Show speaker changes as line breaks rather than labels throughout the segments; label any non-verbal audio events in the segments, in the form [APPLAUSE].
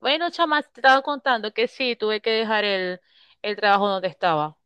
Bueno, chama, te estaba contando que sí, tuve que dejar el trabajo donde estaba.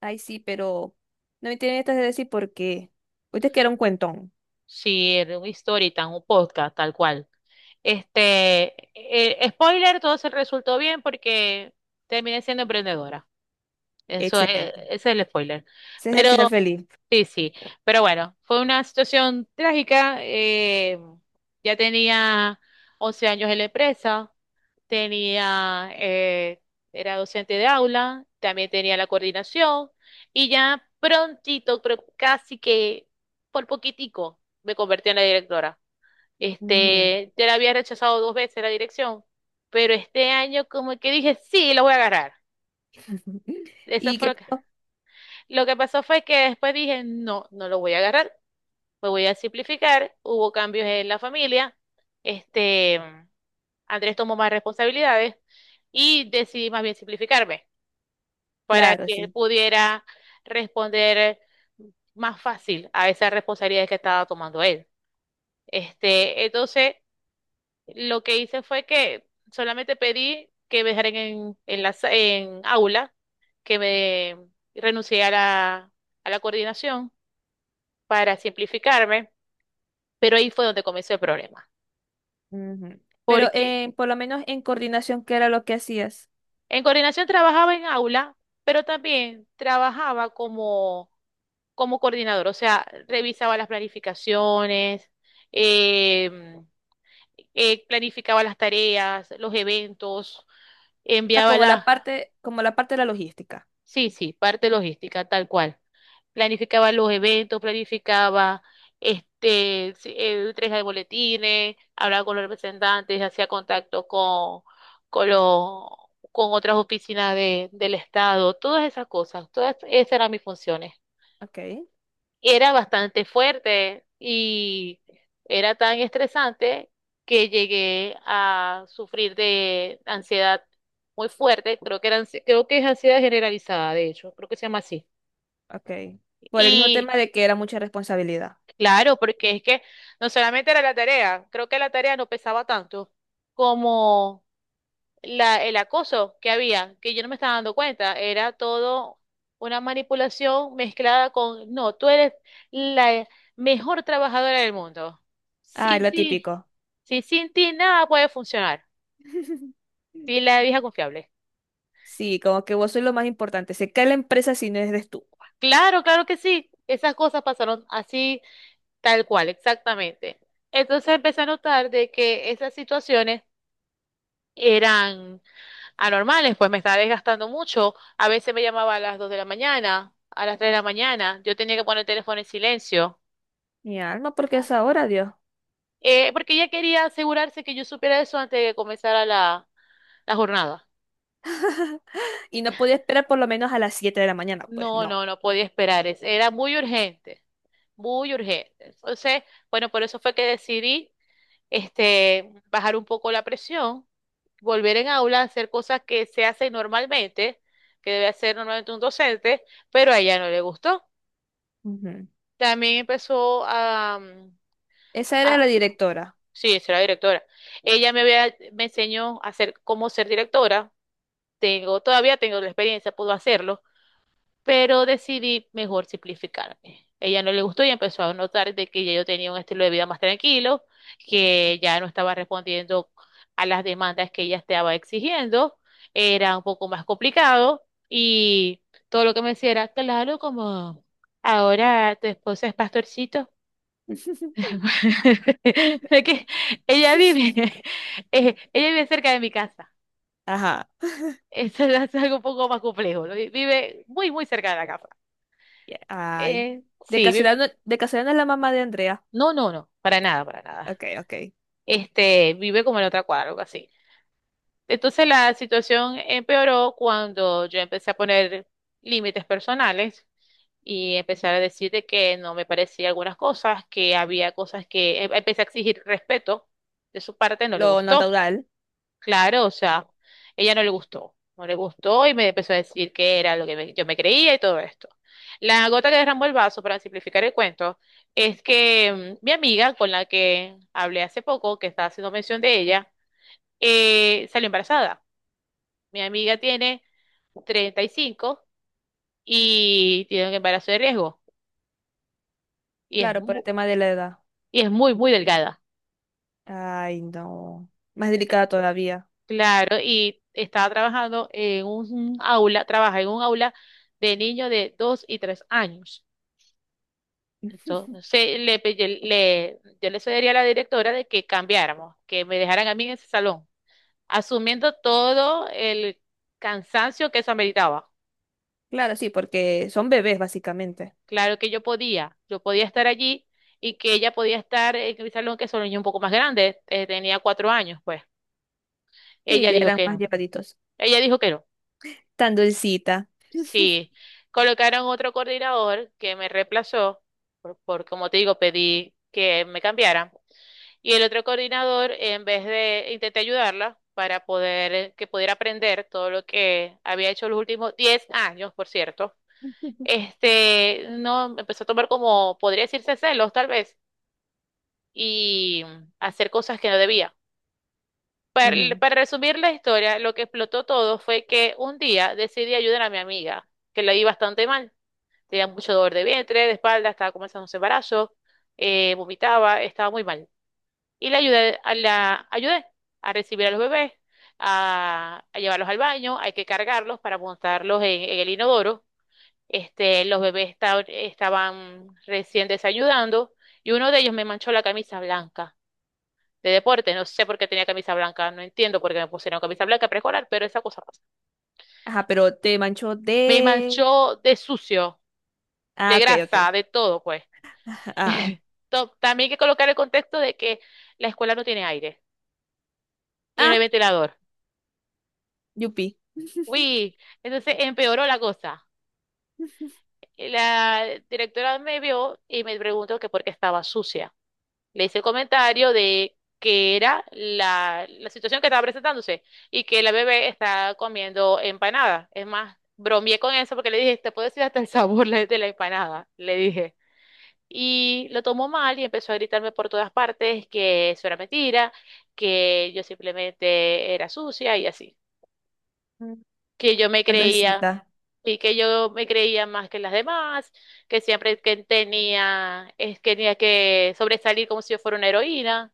Ay, sí, pero no me tienen estas de decir por qué. Ahorita que era un cuentón.
Sí, era un story time, un podcast, tal cual. Este, Spoiler, todo se resultó bien porque terminé siendo emprendedora. Eso es,
Excelente.
ese es el spoiler.
Ese es el final
Pero
feliz.
sí, sí. Pero bueno, fue una situación trágica. Ya tenía 11 años en la empresa. Tenía, era docente de aula, también tenía la coordinación y ya prontito, pero casi que por poquitico, me convertí en la directora.
Ujú.
Ya la había rechazado dos veces la dirección, pero este año como que dije, sí, lo voy a agarrar.
[LAUGHS]
Eso
Y
fue
que, oh,
lo que pasó fue que después dije, no, no lo voy a agarrar, me voy a simplificar. Hubo cambios en la familia, este, Andrés tomó más responsabilidades y decidí más bien simplificarme, para
claro,
que
sí.
pudiera responder más fácil a esas responsabilidades que estaba tomando él. Entonces, lo que hice fue que solamente pedí que me dejaran en aula, que me renuncié a a la coordinación para simplificarme, pero ahí fue donde comenzó el problema,
Ujú. Pero
porque
por lo menos en coordinación, ¿qué era lo que hacías?
en coordinación trabajaba en aula, pero también trabajaba como coordinador, o sea, revisaba las planificaciones, em, planificaba las tareas, los eventos,
O sea,
enviaba
como la parte de la logística.
sí, sí, parte logística, tal cual. Planificaba los eventos, planificaba sí, entrega de boletines, hablaba con los representantes, hacía contacto con los con otras oficinas de, del Estado, todas esas cosas, todas esas eran mis funciones.
Ok,
Era bastante fuerte y era tan estresante que llegué a sufrir de ansiedad muy fuerte, creo que era, creo que es ansiedad generalizada, de hecho, creo que se llama así.
ok. Por el mismo
Y
tema de que era mucha responsabilidad.
claro, porque es que no solamente era la tarea, creo que la tarea no pesaba tanto como el acoso que había, que yo no me estaba dando cuenta, era todo una manipulación mezclada con, no, tú eres la mejor trabajadora del mundo.
Ay,
Sin
lo
ti,
típico.
si sin ti nada puede funcionar.
[LAUGHS]
Sí, la vieja confiable.
Sí, como que vos sos lo más importante. Se cae la empresa si no eres tú.
Claro, claro que sí. Esas cosas pasaron así, tal cual, exactamente. Entonces empecé a notar de que esas situaciones eran anormales, pues me estaba desgastando mucho. A veces me llamaba a las 2 de la mañana, a las 3 de la mañana. Yo tenía que poner el teléfono en silencio,
Mi alma, porque es ahora, Dios. [LAUGHS]
porque ella quería asegurarse que yo supiera eso antes de que comenzara la jornada.
Y no podía esperar por lo menos a las 7 de la mañana, pues
No,
no.
no, no podía esperar. Era muy urgente, muy urgente. Entonces, bueno, por eso fue que decidí bajar un poco la presión, volver en aula a hacer cosas que se hacen normalmente, que debe hacer normalmente un docente, pero a ella no le gustó.
Ujú.
También empezó a,
Esa era
a-
la directora.
sí, será directora. Ella me había, me enseñó a hacer cómo ser directora. Tengo, todavía tengo la experiencia, puedo hacerlo, pero decidí mejor simplificarme. Ella no le gustó y empezó a notar de que ya yo tenía un estilo de vida más tranquilo, que ya no estaba respondiendo a las demandas que ella estaba exigiendo, era un poco más complicado y todo lo que me decía era, claro, como ahora tu esposa es pastorcito.
[LAUGHS]
[LAUGHS] Es que ella vive, [LAUGHS] ella vive cerca de mi casa.
Ajá.
Eso es algo un poco más complejo. Vive muy, muy cerca de la casa.
Ya- Ay.
Eh, sí,
De casualidad no es la mamá de Andrea.
no, no, no, para nada, para nada.
Ok, ok.
Vive como en otra cuadra, algo así. Entonces la situación empeoró cuando yo empecé a poner límites personales y empecé a decir de que no me parecía algunas cosas, que había cosas que empecé a exigir respeto de su parte, no le
Lo
gustó.
natural.
Claro, o sea, ella no le gustó, no le gustó y me empezó a decir que era lo que yo me creía y todo esto. La gota que derramó el vaso, para simplificar el cuento, es que mi amiga con la que hablé hace poco, que estaba haciendo mención de ella, salió embarazada. Mi amiga tiene 35 y tiene un embarazo de riesgo y
Claro, por el tema de la edad.
y es muy, muy delgada.
Ay, no. Más delicada todavía.
Claro, y estaba trabajando en un aula, trabaja en un aula de niños de 2 y 3 años. Esto, se, le, pe- yo le sugeriría a la directora de que cambiáramos, que me dejaran a mí en ese salón, asumiendo todo el cansancio que eso ameritaba.
Claro, sí, porque son bebés, básicamente.
Claro que yo podía estar allí y que ella podía estar en mi salón, que es un niño un poco más grande, tenía 4 años, pues.
Sí,
Ella
ya
dijo
eran
que
más
no,
llevaditos.
ella dijo que no.
Tan dulcita.
Sí, colocaron otro coordinador que me reemplazó, por como te digo, pedí que me cambiaran. Y el otro coordinador, en vez de intenté ayudarla para poder que pudiera aprender todo lo que había hecho los últimos 10 años, por cierto,
[LAUGHS]
no empezó a tomar como, podría decirse celos tal vez, y hacer cosas que no debía.
Ujú.
Para resumir la historia, lo que explotó todo fue que un día decidí ayudar a mi amiga, que la vi bastante mal. Tenía mucho dolor de vientre, de espalda, estaba comenzando su embarazo, vomitaba, estaba muy mal. Y la, ayudé a recibir a los bebés, a llevarlos al baño, hay que cargarlos para montarlos en el inodoro. Los bebés estaban recién desayunando y uno de ellos me manchó la camisa blanca de deporte. No sé por qué tenía camisa blanca, no entiendo por qué me pusieron camisa blanca preescolar, pero esa cosa pasa.
Ajá, pero te manchó
Me
de...
manchó de sucio,
Ah,
de
ok, ok.
grasa, de todo, pues.
Ah,
[LAUGHS] También hay que colocar el contexto de que la escuela no tiene aire y no hay
ah,
ventilador.
yupi.
Uy, entonces empeoró la cosa. La directora me vio y me preguntó que por qué estaba sucia. Le hice el comentario de que era la situación que estaba presentándose y que la bebé está comiendo empanada. Es más, bromeé con eso porque le dije, te puedo decir hasta el sabor de la empanada, le dije. Y lo tomó mal y empezó a gritarme por todas partes que eso era mentira, que yo simplemente era sucia y así.
Mm.
Que yo me
Tan
creía
dulcita.
y que yo me creía más que las demás, que siempre que tenía, es, que tenía que sobresalir como si yo fuera una heroína,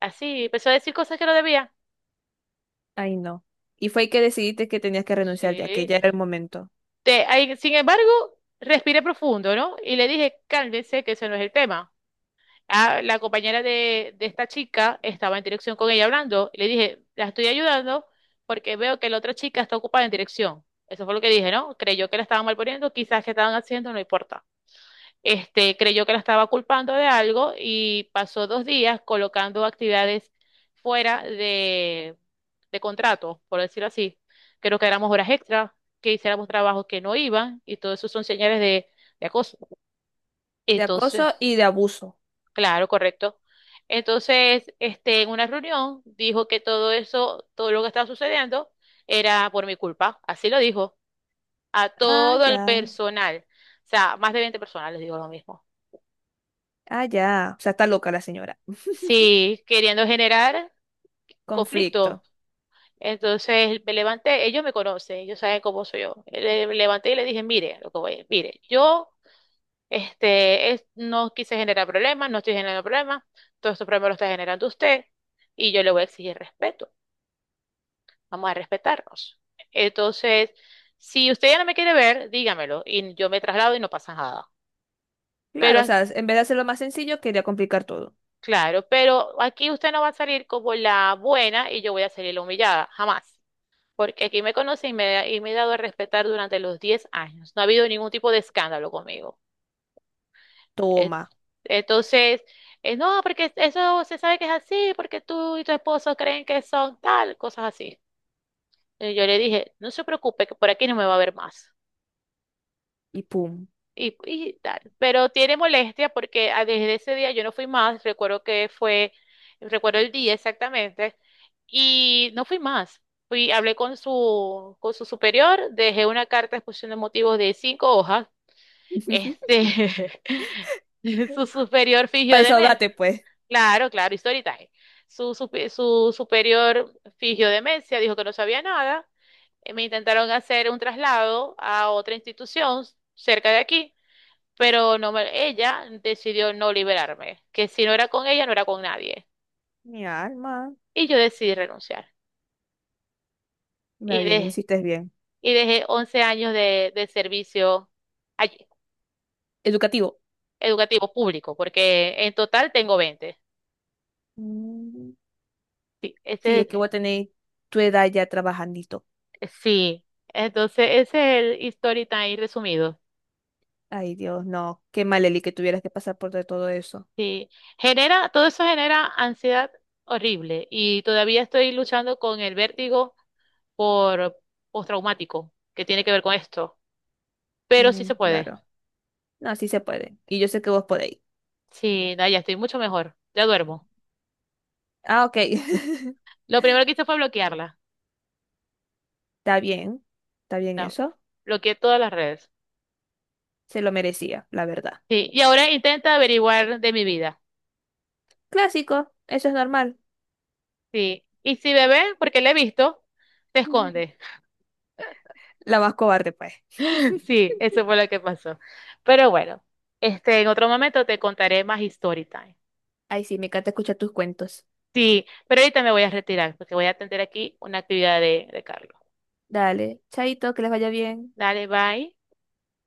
así, empezó a decir cosas que no debía.
Ay, no. Y fue que decidiste que tenías que renunciar ya, que
Sí.
ya era el momento.
Ahí, sin embargo, respiré profundo, ¿no? Y le dije, cálmese, que eso no es el tema. Ah, la compañera de esta chica estaba en dirección con ella hablando, y le dije, la estoy ayudando porque veo que la otra chica está ocupada en dirección. Eso fue lo que dije, ¿no? Creyó que la estaban malponiendo, quizás que estaban haciendo, no importa. Creyó que la estaba culpando de algo y pasó dos días colocando actividades fuera de contrato, por decirlo así. Creo que éramos horas extra, que hiciéramos trabajos que no iban y todo eso son señales de acoso.
De
Entonces,
acoso y de abuso.
claro, correcto. Entonces, en una reunión dijo que todo eso, todo lo que estaba sucediendo era por mi culpa, así lo dijo, a
Ah,
todo el
ya.
personal, o sea, más de 20 personas les digo lo mismo.
Ah, ya. O sea, está loca la señora.
Sí, queriendo generar
Conflicto.
conflicto. Entonces me levanté, ellos me conocen, ellos saben cómo soy yo. Me levanté y le dije, mire, lo que voy, mire, yo no quise generar problemas, no estoy generando problemas, todos estos problemas los está generando usted y yo le voy a exigir respeto, vamos a respetarnos. Entonces, si usted ya no me quiere ver, dígamelo y yo me traslado y no pasa nada. Pero,
Claro, o sea,
as-
en vez de hacerlo más sencillo, quería complicar todo.
claro, pero aquí usted no va a salir como la buena y yo voy a salir la humillada, jamás. Porque aquí me conocen y me he dado a respetar durante los 10 años. No ha habido ningún tipo de escándalo conmigo. Eh,
Toma.
entonces, no, porque eso se sabe que es así, porque tú y tu esposo creen que son tal, cosas así. Y yo le dije, no se preocupe, que por aquí no me va a ver más.
Y pum.
Y, y tal. Pero tiene molestia porque ah, desde ese día yo no fui más, recuerdo que fue, recuerdo el día exactamente, y no fui más. Fui, hablé con su superior, dejé una carta de exposición de motivos de 5 hojas.
[LAUGHS]
Este, [LAUGHS] su superior fingió
Para
demencia.
desahogarte, pues.
Claro, claro, y story time. Su superior fingió demencia, dijo que no sabía nada. Me intentaron hacer un traslado a otra institución cerca de aquí pero ella decidió no liberarme, que si no era con ella, no era con nadie.
Mi alma.
Y yo decidí renunciar. Y,
Está bien,
de
hiciste bien.
y dejé 11 años de servicio allí,
Educativo.
educativo público, porque en total tengo 20.
Mm.
Sí,
Sí, es que
ese,
vos a tu edad ya trabajandito.
sí. Entonces, ese es el story time resumido.
Ay, Dios, no. Qué mal, Eli, que tuvieras que pasar por de todo eso.
Sí. Genera, todo eso genera ansiedad horrible y todavía estoy luchando con el vértigo por postraumático que tiene que ver con esto, pero sí
Mm,
se puede.
claro. No, sí se puede. Y yo sé que vos podéis.
Sí, no, ya estoy mucho mejor. Ya duermo.
Ah, ok. [LAUGHS]
Lo primero que hice fue bloquearla.
Está bien. Está bien
la-
eso.
Bloqueé todas las redes.
Se lo merecía, la verdad.
Sí, y ahora intenta averiguar de mi vida.
Clásico. Eso es normal.
Sí, y si me ve, porque la he visto, se
Ujú.
esconde.
La más cobarde, pues.
[LAUGHS]
[LAUGHS]
Sí, eso fue lo que pasó. Pero bueno, en otro momento te contaré más story time.
Ay, sí, me encanta escuchar tus cuentos.
Sí, pero ahorita me voy a retirar porque voy a atender aquí una actividad de Carlos.
Dale. Chaito, que les vaya bien.
Dale, bye.